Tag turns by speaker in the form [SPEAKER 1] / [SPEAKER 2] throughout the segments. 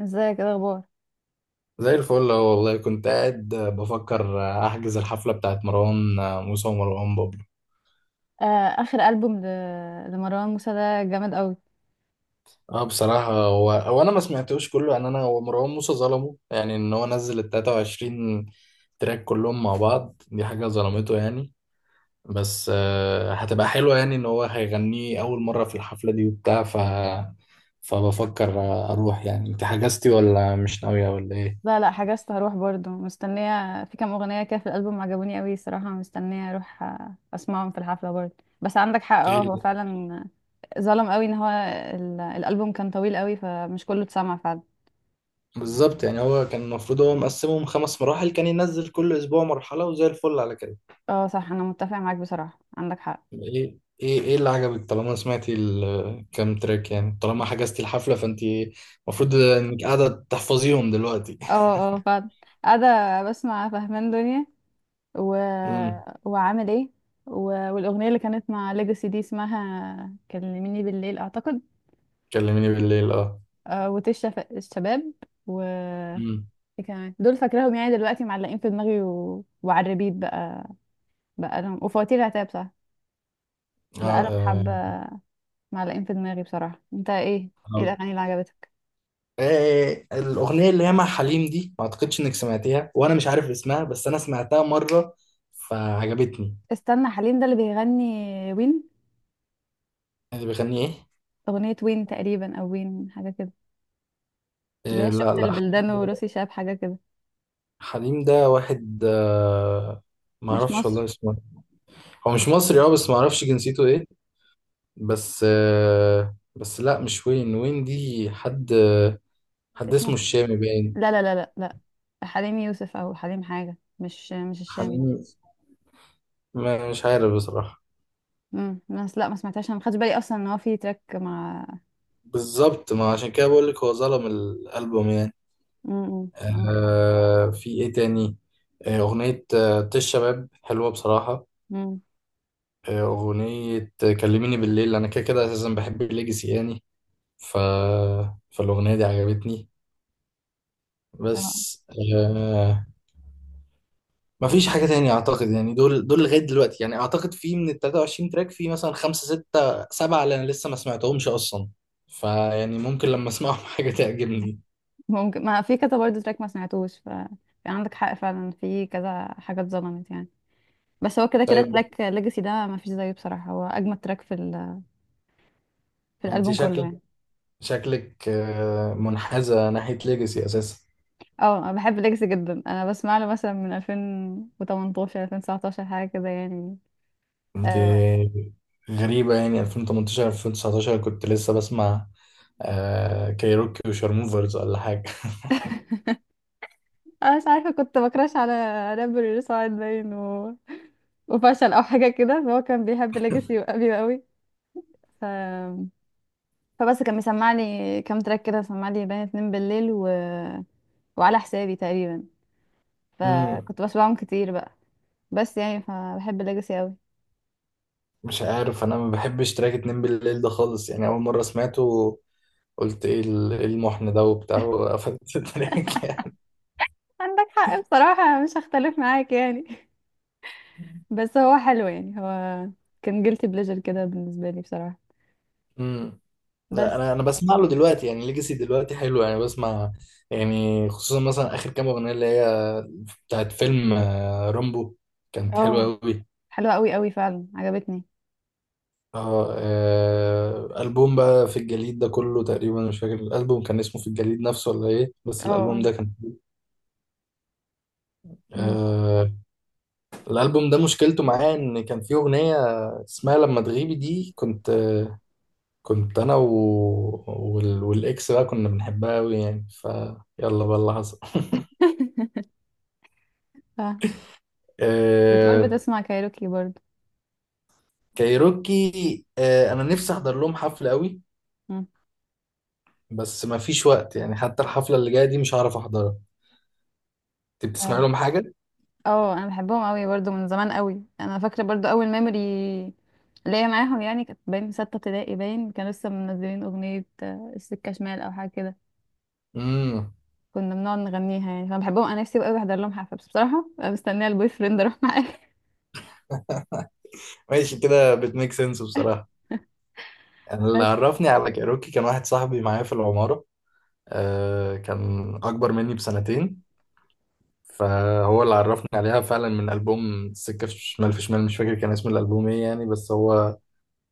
[SPEAKER 1] ازيك، ايه الاخبار؟
[SPEAKER 2] زي الفل أهو والله كنت قاعد بفكر احجز الحفله بتاعت مروان موسى ومروان بابلو.
[SPEAKER 1] آه. اخر البوم لمروان موسى ده جامد قوي.
[SPEAKER 2] اه بصراحه، هو انا ما سمعتوش كله يعني، انا هو مروان موسى ظلمه يعني ان هو نزل ال 23 تراك كلهم مع بعض، دي حاجه ظلمته يعني. بس هتبقى حلوه يعني، ان هو هيغنيه اول مره في الحفله دي وبتاع. فبفكر اروح. يعني انت حجزتي ولا مش ناويه ولا ايه؟
[SPEAKER 1] لا لا، حجزت هروح برضو. مستنيه في كام اغنيه كده في الالبوم عجبوني قوي صراحه، مستنيه اروح اسمعهم في الحفله برضو. بس عندك حق، اه
[SPEAKER 2] ايه
[SPEAKER 1] هو فعلا ظلم قوي ان هو الالبوم كان طويل قوي فمش كله اتسمع فعلا.
[SPEAKER 2] بالظبط. يعني هو كان المفروض هو مقسمهم خمس مراحل، كان ينزل كل اسبوع مرحلة وزي الفل على كده.
[SPEAKER 1] اه صح، انا متفق معاك بصراحه، عندك حق.
[SPEAKER 2] ايه، ايه، ايه اللي عجبك؟ طالما سمعتي الكام تراك يعني، طالما حجزتي الحفلة فانت المفروض انك قاعدة تحفظيهم دلوقتي.
[SPEAKER 1] اه اه فعلا. قاعده بسمع فهمان دنيا و...
[SPEAKER 2] امم
[SPEAKER 1] وعامل ايه و... والاغنيه اللي كانت مع ليجاسي دي اسمها كلميني بالليل اعتقد.
[SPEAKER 2] كلميني بالليل، اه.
[SPEAKER 1] الشباب. و
[SPEAKER 2] امم.
[SPEAKER 1] ايه كمان دول فاكراهم يعني دلوقتي، معلقين في دماغي وعلى الريبيت بقى. بقى لهم وفواتير العتاب صح،
[SPEAKER 2] اه.
[SPEAKER 1] بقى لهم
[SPEAKER 2] آه.
[SPEAKER 1] حبة معلقين في دماغي بصراحة. انت ايه؟ ايه
[SPEAKER 2] آه.
[SPEAKER 1] الأغاني اللي عجبتك؟
[SPEAKER 2] الأغنية اللي هي مع حليم دي ما أعتقدش إنك سمعتيها، وأنا مش عارف اسمها بس أنا سمعتها مرة فعجبتني.
[SPEAKER 1] استنى، حليم ده اللي بيغني وين؟
[SPEAKER 2] اللي بيغني إيه؟
[SPEAKER 1] أغنية وين تقريبا أو وين حاجة كده، اللي
[SPEAKER 2] آه،
[SPEAKER 1] هي
[SPEAKER 2] لا،
[SPEAKER 1] شفت
[SPEAKER 2] لا.
[SPEAKER 1] البلدان وروسي شاب حاجة كده،
[SPEAKER 2] حليم ده واحد، ما
[SPEAKER 1] مش
[SPEAKER 2] اعرفش
[SPEAKER 1] مصري.
[SPEAKER 2] والله اسمه. هو مش مصري، اه، بس ما اعرفش جنسيته ايه. بس بس لا، مش وين وين دي، حد
[SPEAKER 1] اسمه
[SPEAKER 2] اسمه
[SPEAKER 1] ح-
[SPEAKER 2] الشامي
[SPEAKER 1] لا
[SPEAKER 2] باين.
[SPEAKER 1] لا لا لا لا، حليم يوسف أو حليم حاجة، مش الشامي.
[SPEAKER 2] حليم، ما مش عارف بصراحة.
[SPEAKER 1] بس لا، ما سمعتهاش انا، ما خدتش بالي اصلا ان هو في تراك مع.
[SPEAKER 2] بالظبط، ما عشان كده بقول لك هو ظلم الألبوم يعني.
[SPEAKER 1] عندك حق.
[SPEAKER 2] آه، في ايه تاني؟ أغنية طش شباب، حلوة بصراحة.
[SPEAKER 1] امم
[SPEAKER 2] أغنية كلميني بالليل. أنا كده كده أساسا بحب الليجاسي يعني. ف... فالأغنية دي عجبتني بس. آه ما فيش حاجة تانية أعتقد، يعني دول لغاية دلوقتي يعني، أعتقد في من ال 23 تراك، في مثلا خمسة، ستة، سبعة اللي أنا لسه ما سمعتهمش أصلا. فيعني ممكن لما أسمعهم حاجة تعجبني.
[SPEAKER 1] ممكن، ما في كذا برضه تراك ما سمعتوش، ف في عندك حق فعلا، في كذا حاجة اتظلمت يعني. بس هو كده كده
[SPEAKER 2] طيب،
[SPEAKER 1] تراك ليجاسي ده ما فيش زيه بصراحة، هو أجمد تراك في
[SPEAKER 2] أنت
[SPEAKER 1] الألبوم كله
[SPEAKER 2] شكلك
[SPEAKER 1] يعني.
[SPEAKER 2] شكلك آه، منحازة ناحية ليجاسي أساسا.
[SPEAKER 1] اه، أنا بحب ليجاسي جدا، أنا بسمع له مثلا من 2018 2019 حاجة كده يعني.
[SPEAKER 2] أنت
[SPEAKER 1] آه،
[SPEAKER 2] غريبة يعني، 2018 2019 كنت لسه بسمع كايروكي وشارموفرز ولا حاجة
[SPEAKER 1] أنا مش عارفة، كنت بكراش على رابر سعاد باين وفشل أو حاجة كده، فهو كان بيحب ليجاسي قوي قوي. فبس كان مسمع لي كام تراك كده، مسمع لي بين اتنين بالليل وعلى حسابي تقريبا،
[SPEAKER 2] مم.
[SPEAKER 1] فكنت بسمعهم كتير بقى. بس يعني فبحب الليجاسي قوي.
[SPEAKER 2] مش عارف، انا ما بحبش تراك اتنين بالليل ده خالص يعني. اول مره سمعته قلت ايه إيه المحن ده وبتاع، وقفلت التراك يعني.
[SPEAKER 1] عندك حق بصراحة، أنا مش هختلف معاك يعني بس هو حلو يعني، هو كان جيلتي بليجر كده بالنسبة لي بصراحة.
[SPEAKER 2] امم. لا،
[SPEAKER 1] بس
[SPEAKER 2] انا بسمع له دلوقتي يعني، ليجاسي دلوقتي حلو يعني بسمع. يعني خصوصا مثلا اخر كام اغنيه اللي هي بتاعت فيلم رامبو، كانت حلوه
[SPEAKER 1] اه،
[SPEAKER 2] قوي.
[SPEAKER 1] حلوة قوي قوي فعلا، عجبتني.
[SPEAKER 2] اه، البوم بقى في الجليد ده كله تقريبا، مش فاكر الالبوم كان اسمه في الجليد نفسه ولا ايه، بس
[SPEAKER 1] اه
[SPEAKER 2] الالبوم
[SPEAKER 1] اه.
[SPEAKER 2] ده كان.
[SPEAKER 1] مم.
[SPEAKER 2] آه الالبوم ده مشكلته معاه ان كان فيه اغنيه اسمها لما تغيبي دي، كنت انا والاكس بقى كنا بنحبها قوي يعني، فيلا بقى اللي حصل
[SPEAKER 1] ف- بتقول
[SPEAKER 2] آه...
[SPEAKER 1] بتسمع كايروكي برضو؟
[SPEAKER 2] كايروكي، انا نفسي احضر لهم حفله قوي.
[SPEAKER 1] مم.
[SPEAKER 2] بس ما فيش وقت يعني، حتى الحفله اللي جايه دي مش هعرف احضرها. انت بتسمع لهم حاجه؟
[SPEAKER 1] اه، انا بحبهم قوي برضو من زمان قوي، انا فاكره برضو اول ميموري ليا معاهم يعني كانت باين ستة ابتدائي، باين كانوا لسه منزلين اغنيه السكه شمال او حاجه كده،
[SPEAKER 2] امم.
[SPEAKER 1] كنا بنقعد نغنيها يعني، فانا بحبهم. انا نفسي بقى احضر لهم حفله، بس بصراحه أنا مستنيه البوي فريند اروح معاه.
[SPEAKER 2] ماشي، كده بتميك سنس بصراحه. انا اللي
[SPEAKER 1] بس
[SPEAKER 2] عرفني على كايروكي كان واحد صاحبي معايا في العماره، كان اكبر مني بسنتين، فهو اللي عرفني عليها فعلا من ألبوم السكة في شمال في شمال. مش فاكر كان اسم الألبوم ايه يعني، بس هو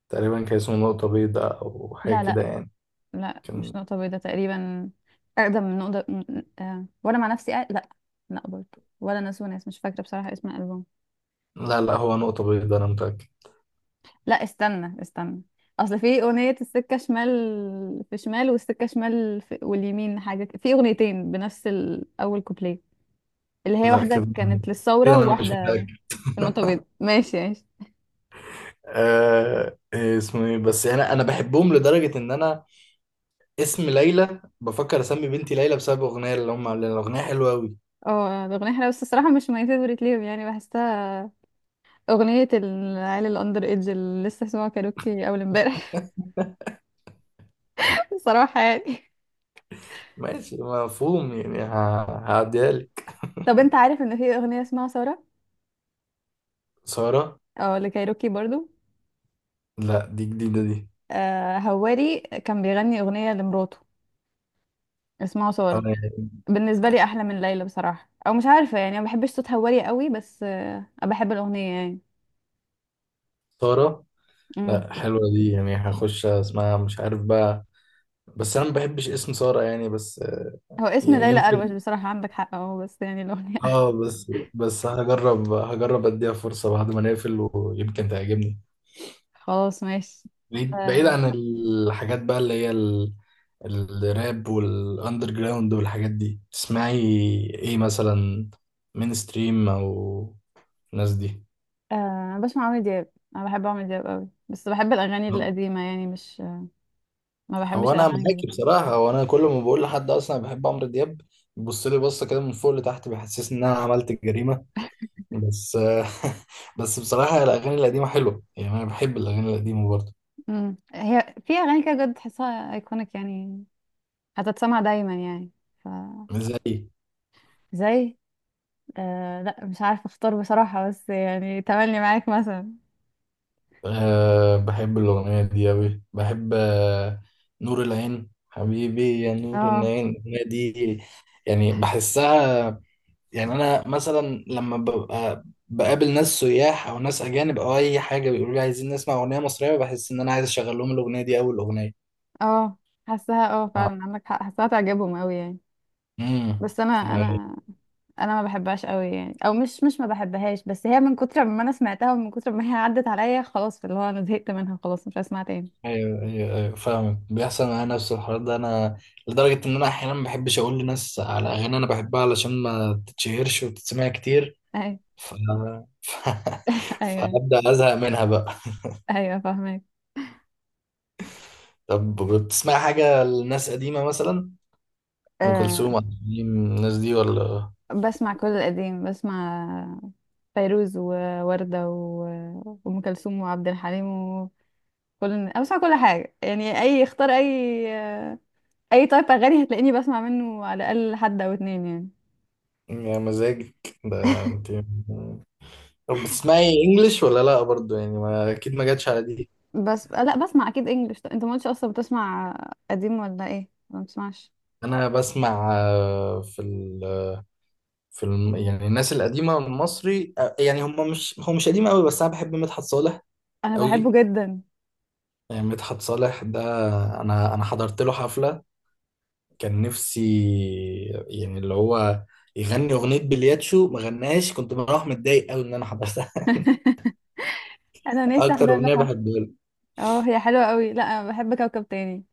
[SPEAKER 2] تقريبا كان اسمه نقطة بيضاء أو حاجة
[SPEAKER 1] لا
[SPEAKER 2] كده
[SPEAKER 1] لا
[SPEAKER 2] يعني.
[SPEAKER 1] لا، مش
[SPEAKER 2] كان.
[SPEAKER 1] نقطه بيضاء تقريبا، اقدم من نقطه وانا مع نفسي لا لا برضو، ولا ناس وناس، مش فاكره بصراحه اسم الالبوم.
[SPEAKER 2] لا، لا، هو نقطة بيضاء أنا متأكد.
[SPEAKER 1] لا استنى استنى، اصل في اغنية السكة شمال في شمال والسكة شمال في واليمين حاجة في اغنيتين بنفس اول كوبليه، اللي هي
[SPEAKER 2] لا،
[SPEAKER 1] واحدة
[SPEAKER 2] كده
[SPEAKER 1] كانت
[SPEAKER 2] كده
[SPEAKER 1] للثورة
[SPEAKER 2] أنا مش
[SPEAKER 1] وواحدة
[SPEAKER 2] متأكد.
[SPEAKER 1] في نقطة بيضاء. ماشي ماشي.
[SPEAKER 2] إيه اسمه، إيه؟ بس أنا بحبهم لدرجة إن أنا، اسم ليلى، بفكر أسمي بنتي ليلى بسبب أغنية اللي هم عاملينها، الأغنية حلوة أوي.
[SPEAKER 1] اه الاغنية حلوة، بس الصراحة مش ماي فيفورت ليهم يعني، بحسها اغنية العيال الاندر ايدج اللي لسه سمعوا كاروكي اول امبارح صراحة يعني.
[SPEAKER 2] ماشي، مفهوم يعني. هعديها لك.
[SPEAKER 1] طب انت عارف ان في اغنية اسمها ثورة؟
[SPEAKER 2] سارة.
[SPEAKER 1] اه، لكايروكي برضو.
[SPEAKER 2] لا، دي جديدة دي.
[SPEAKER 1] آه هواري كان بيغني اغنية لمراته اسمها
[SPEAKER 2] آه
[SPEAKER 1] ثورة،
[SPEAKER 2] يعني.
[SPEAKER 1] بالنسبه لي احلى من ليلى بصراحه، او مش عارفه يعني ما بحبش صوتها وري قوي، بس بحب الاغنيه يعني.
[SPEAKER 2] سارة.
[SPEAKER 1] امم
[SPEAKER 2] لا، حلوة دي يعني، هخش اسمها مش عارف بقى، بس أنا ما بحبش اسم سارة يعني بس.
[SPEAKER 1] هو اسم
[SPEAKER 2] يعني
[SPEAKER 1] ليلى اروش
[SPEAKER 2] يمكن.
[SPEAKER 1] بصراحه، عندك حق اه، بس يعني الاغنيه.
[SPEAKER 2] اه بس هجرب اديها فرصة بعد ما نقفل، ويمكن تعجبني.
[SPEAKER 1] خلاص ماشي.
[SPEAKER 2] بعيد بعيد
[SPEAKER 1] آه
[SPEAKER 2] عن الحاجات بقى اللي هي الراب والاندر جراوند والحاجات دي، تسمعي ايه مثلا؟ من ستريم او الناس دي؟
[SPEAKER 1] آه، أنا بسمع عمرو دياب، انا بحب عمرو دياب قوي، بس بحب الاغاني القديمه يعني، مش ما
[SPEAKER 2] هو
[SPEAKER 1] بحبش
[SPEAKER 2] انا
[SPEAKER 1] الاغاني
[SPEAKER 2] معاكي
[SPEAKER 1] الجديده.
[SPEAKER 2] بصراحة، هو انا كل ما بقول لحد اصلا أنا بحب عمرو دياب، بيبص لي بصة كده من فوق لتحت، بيحسسني ان انا عملت جريمة بس بس بصراحة، الاغاني القديمة حلوة يعني، انا بحب الاغاني القديمة برضه.
[SPEAKER 1] هي في اغاني كده بجد تحسها ايكونيك يعني، هتتسمع دايما يعني، ف
[SPEAKER 2] مش زي.
[SPEAKER 1] زي. لا، مش عارفه اختار بصراحه، بس يعني تملي معاك مثلا.
[SPEAKER 2] أه، بحب الأغنية دي أوي، بحب نور العين، حبيبي يا نور
[SPEAKER 1] اه
[SPEAKER 2] العين الأغنية دي، يعني بحسها. يعني أنا مثلا لما ببقى بقابل ناس سياح أو ناس أجانب أو أي حاجة، بيقولوا لي عايزين نسمع أغنية مصرية، بحس إن أنا عايز أشغل لهم الأغنية دي أول أغنية.
[SPEAKER 1] اه، حاساها، اه
[SPEAKER 2] آه.
[SPEAKER 1] فعلا عندك حق، حاساها تعجبهم قوي يعني.
[SPEAKER 2] امم.
[SPEAKER 1] بس انا،
[SPEAKER 2] ايوه.
[SPEAKER 1] انا ما بحبهاش قوي يعني، او مش ما بحبهاش، بس هي من كتر ما انا سمعتها ومن كتر ما هي عدت عليا خلاص، في اللي هو انا زهقت منها خلاص، مش هسمعها تاني.
[SPEAKER 2] ايوه، ايوه، فاهمك. بيحصل معايا نفس الحوار ده انا، لدرجه ان انا احيانا ما بحبش اقول لناس على اغاني انا بحبها علشان ما تتشهرش وتتسمع كتير.
[SPEAKER 1] ايوه
[SPEAKER 2] ف... ف...
[SPEAKER 1] ايوه
[SPEAKER 2] فابدا ازهق منها بقى.
[SPEAKER 1] ايوه، فاهمك.
[SPEAKER 2] طب، بتسمع حاجه لناس قديمه مثلا، ام
[SPEAKER 1] أه
[SPEAKER 2] كلثوم، عبد الحليم، الناس دي ولا؟
[SPEAKER 1] بسمع كل القديم، بسمع فيروز ووردة وأم كلثوم وعبد الحليم وكل أنا بسمع كل حاجة يعني، أي اختار، أي أي تايب أغاني هتلاقيني بسمع منه على الأقل حد أو اتنين يعني.
[SPEAKER 2] يا مزاجك ده انت! طب، بتسمعي انجلش ولا لا برضو؟ يعني ما اكيد، ما جاتش على دي.
[SPEAKER 1] بس لا، بسمع اكيد انجلش، انت ما قلتش اصلا بتسمع قديم ولا ايه، ما بتسمعش؟
[SPEAKER 2] انا بسمع، في ال... في الم... يعني الناس القديمه المصري، يعني هم مش، هو مش قديم قوي، بس انا بحب مدحت صالح
[SPEAKER 1] انا بحبه
[SPEAKER 2] قوي.
[SPEAKER 1] جدا.
[SPEAKER 2] يعني مدحت صالح ده، انا حضرت له حفله، كان نفسي يعني اللي هو يغني اغنيه بلياتشو، ما غناش، كنت بروح متضايق قوي ان انا حضرتها
[SPEAKER 1] انا نفسي
[SPEAKER 2] اكتر
[SPEAKER 1] احضر له
[SPEAKER 2] اغنيه
[SPEAKER 1] حفله.
[SPEAKER 2] بحبها له.
[SPEAKER 1] اه هي حلوه قوي، لا انا بحب كوكب تاني.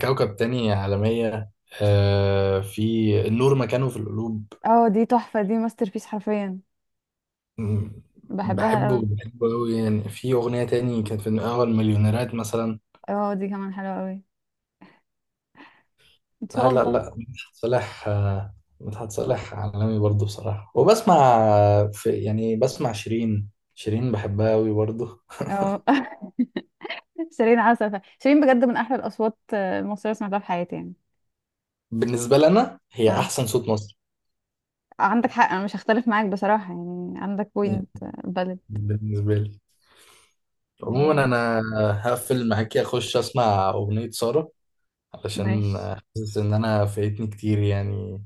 [SPEAKER 2] كوكب تاني عالميه. في النور مكانه في القلوب.
[SPEAKER 1] اه دي تحفه، دي ماستر بيس حرفيا،
[SPEAKER 2] م-
[SPEAKER 1] بحبها
[SPEAKER 2] بحبه
[SPEAKER 1] قوي.
[SPEAKER 2] بحبه قوي يعني. في اغنيه تاني كانت في اول مليونيرات مثلا.
[SPEAKER 1] اه دي كمان حلوه قوي، ان
[SPEAKER 2] آه،
[SPEAKER 1] شاء
[SPEAKER 2] لا،
[SPEAKER 1] الله.
[SPEAKER 2] لا، مدحت صالح، مدحت صالح عالمي برضه بصراحه. وبسمع، يعني بسمع شيرين. شيرين بحبها قوي برضه.
[SPEAKER 1] اه شيرين عسل، شيرين بجد من احلى الاصوات المصريه اللي سمعتها في حياتي يعني.
[SPEAKER 2] بالنسبه لنا هي
[SPEAKER 1] اه
[SPEAKER 2] احسن صوت مصر.
[SPEAKER 1] عندك حق، انا مش هختلف معاك بصراحه يعني، عندك بوينت. بلد.
[SPEAKER 2] بالنسبة لي عموما،
[SPEAKER 1] هي.
[SPEAKER 2] أنا هقفل معاكي أخش أسمع أغنية سارة، علشان
[SPEAKER 1] ماشي
[SPEAKER 2] حاسس إن أنا فايتني كتير يعني.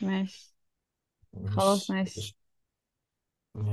[SPEAKER 1] ماشي، خلاص
[SPEAKER 2] مش
[SPEAKER 1] ماشي.
[SPEAKER 2] يعني.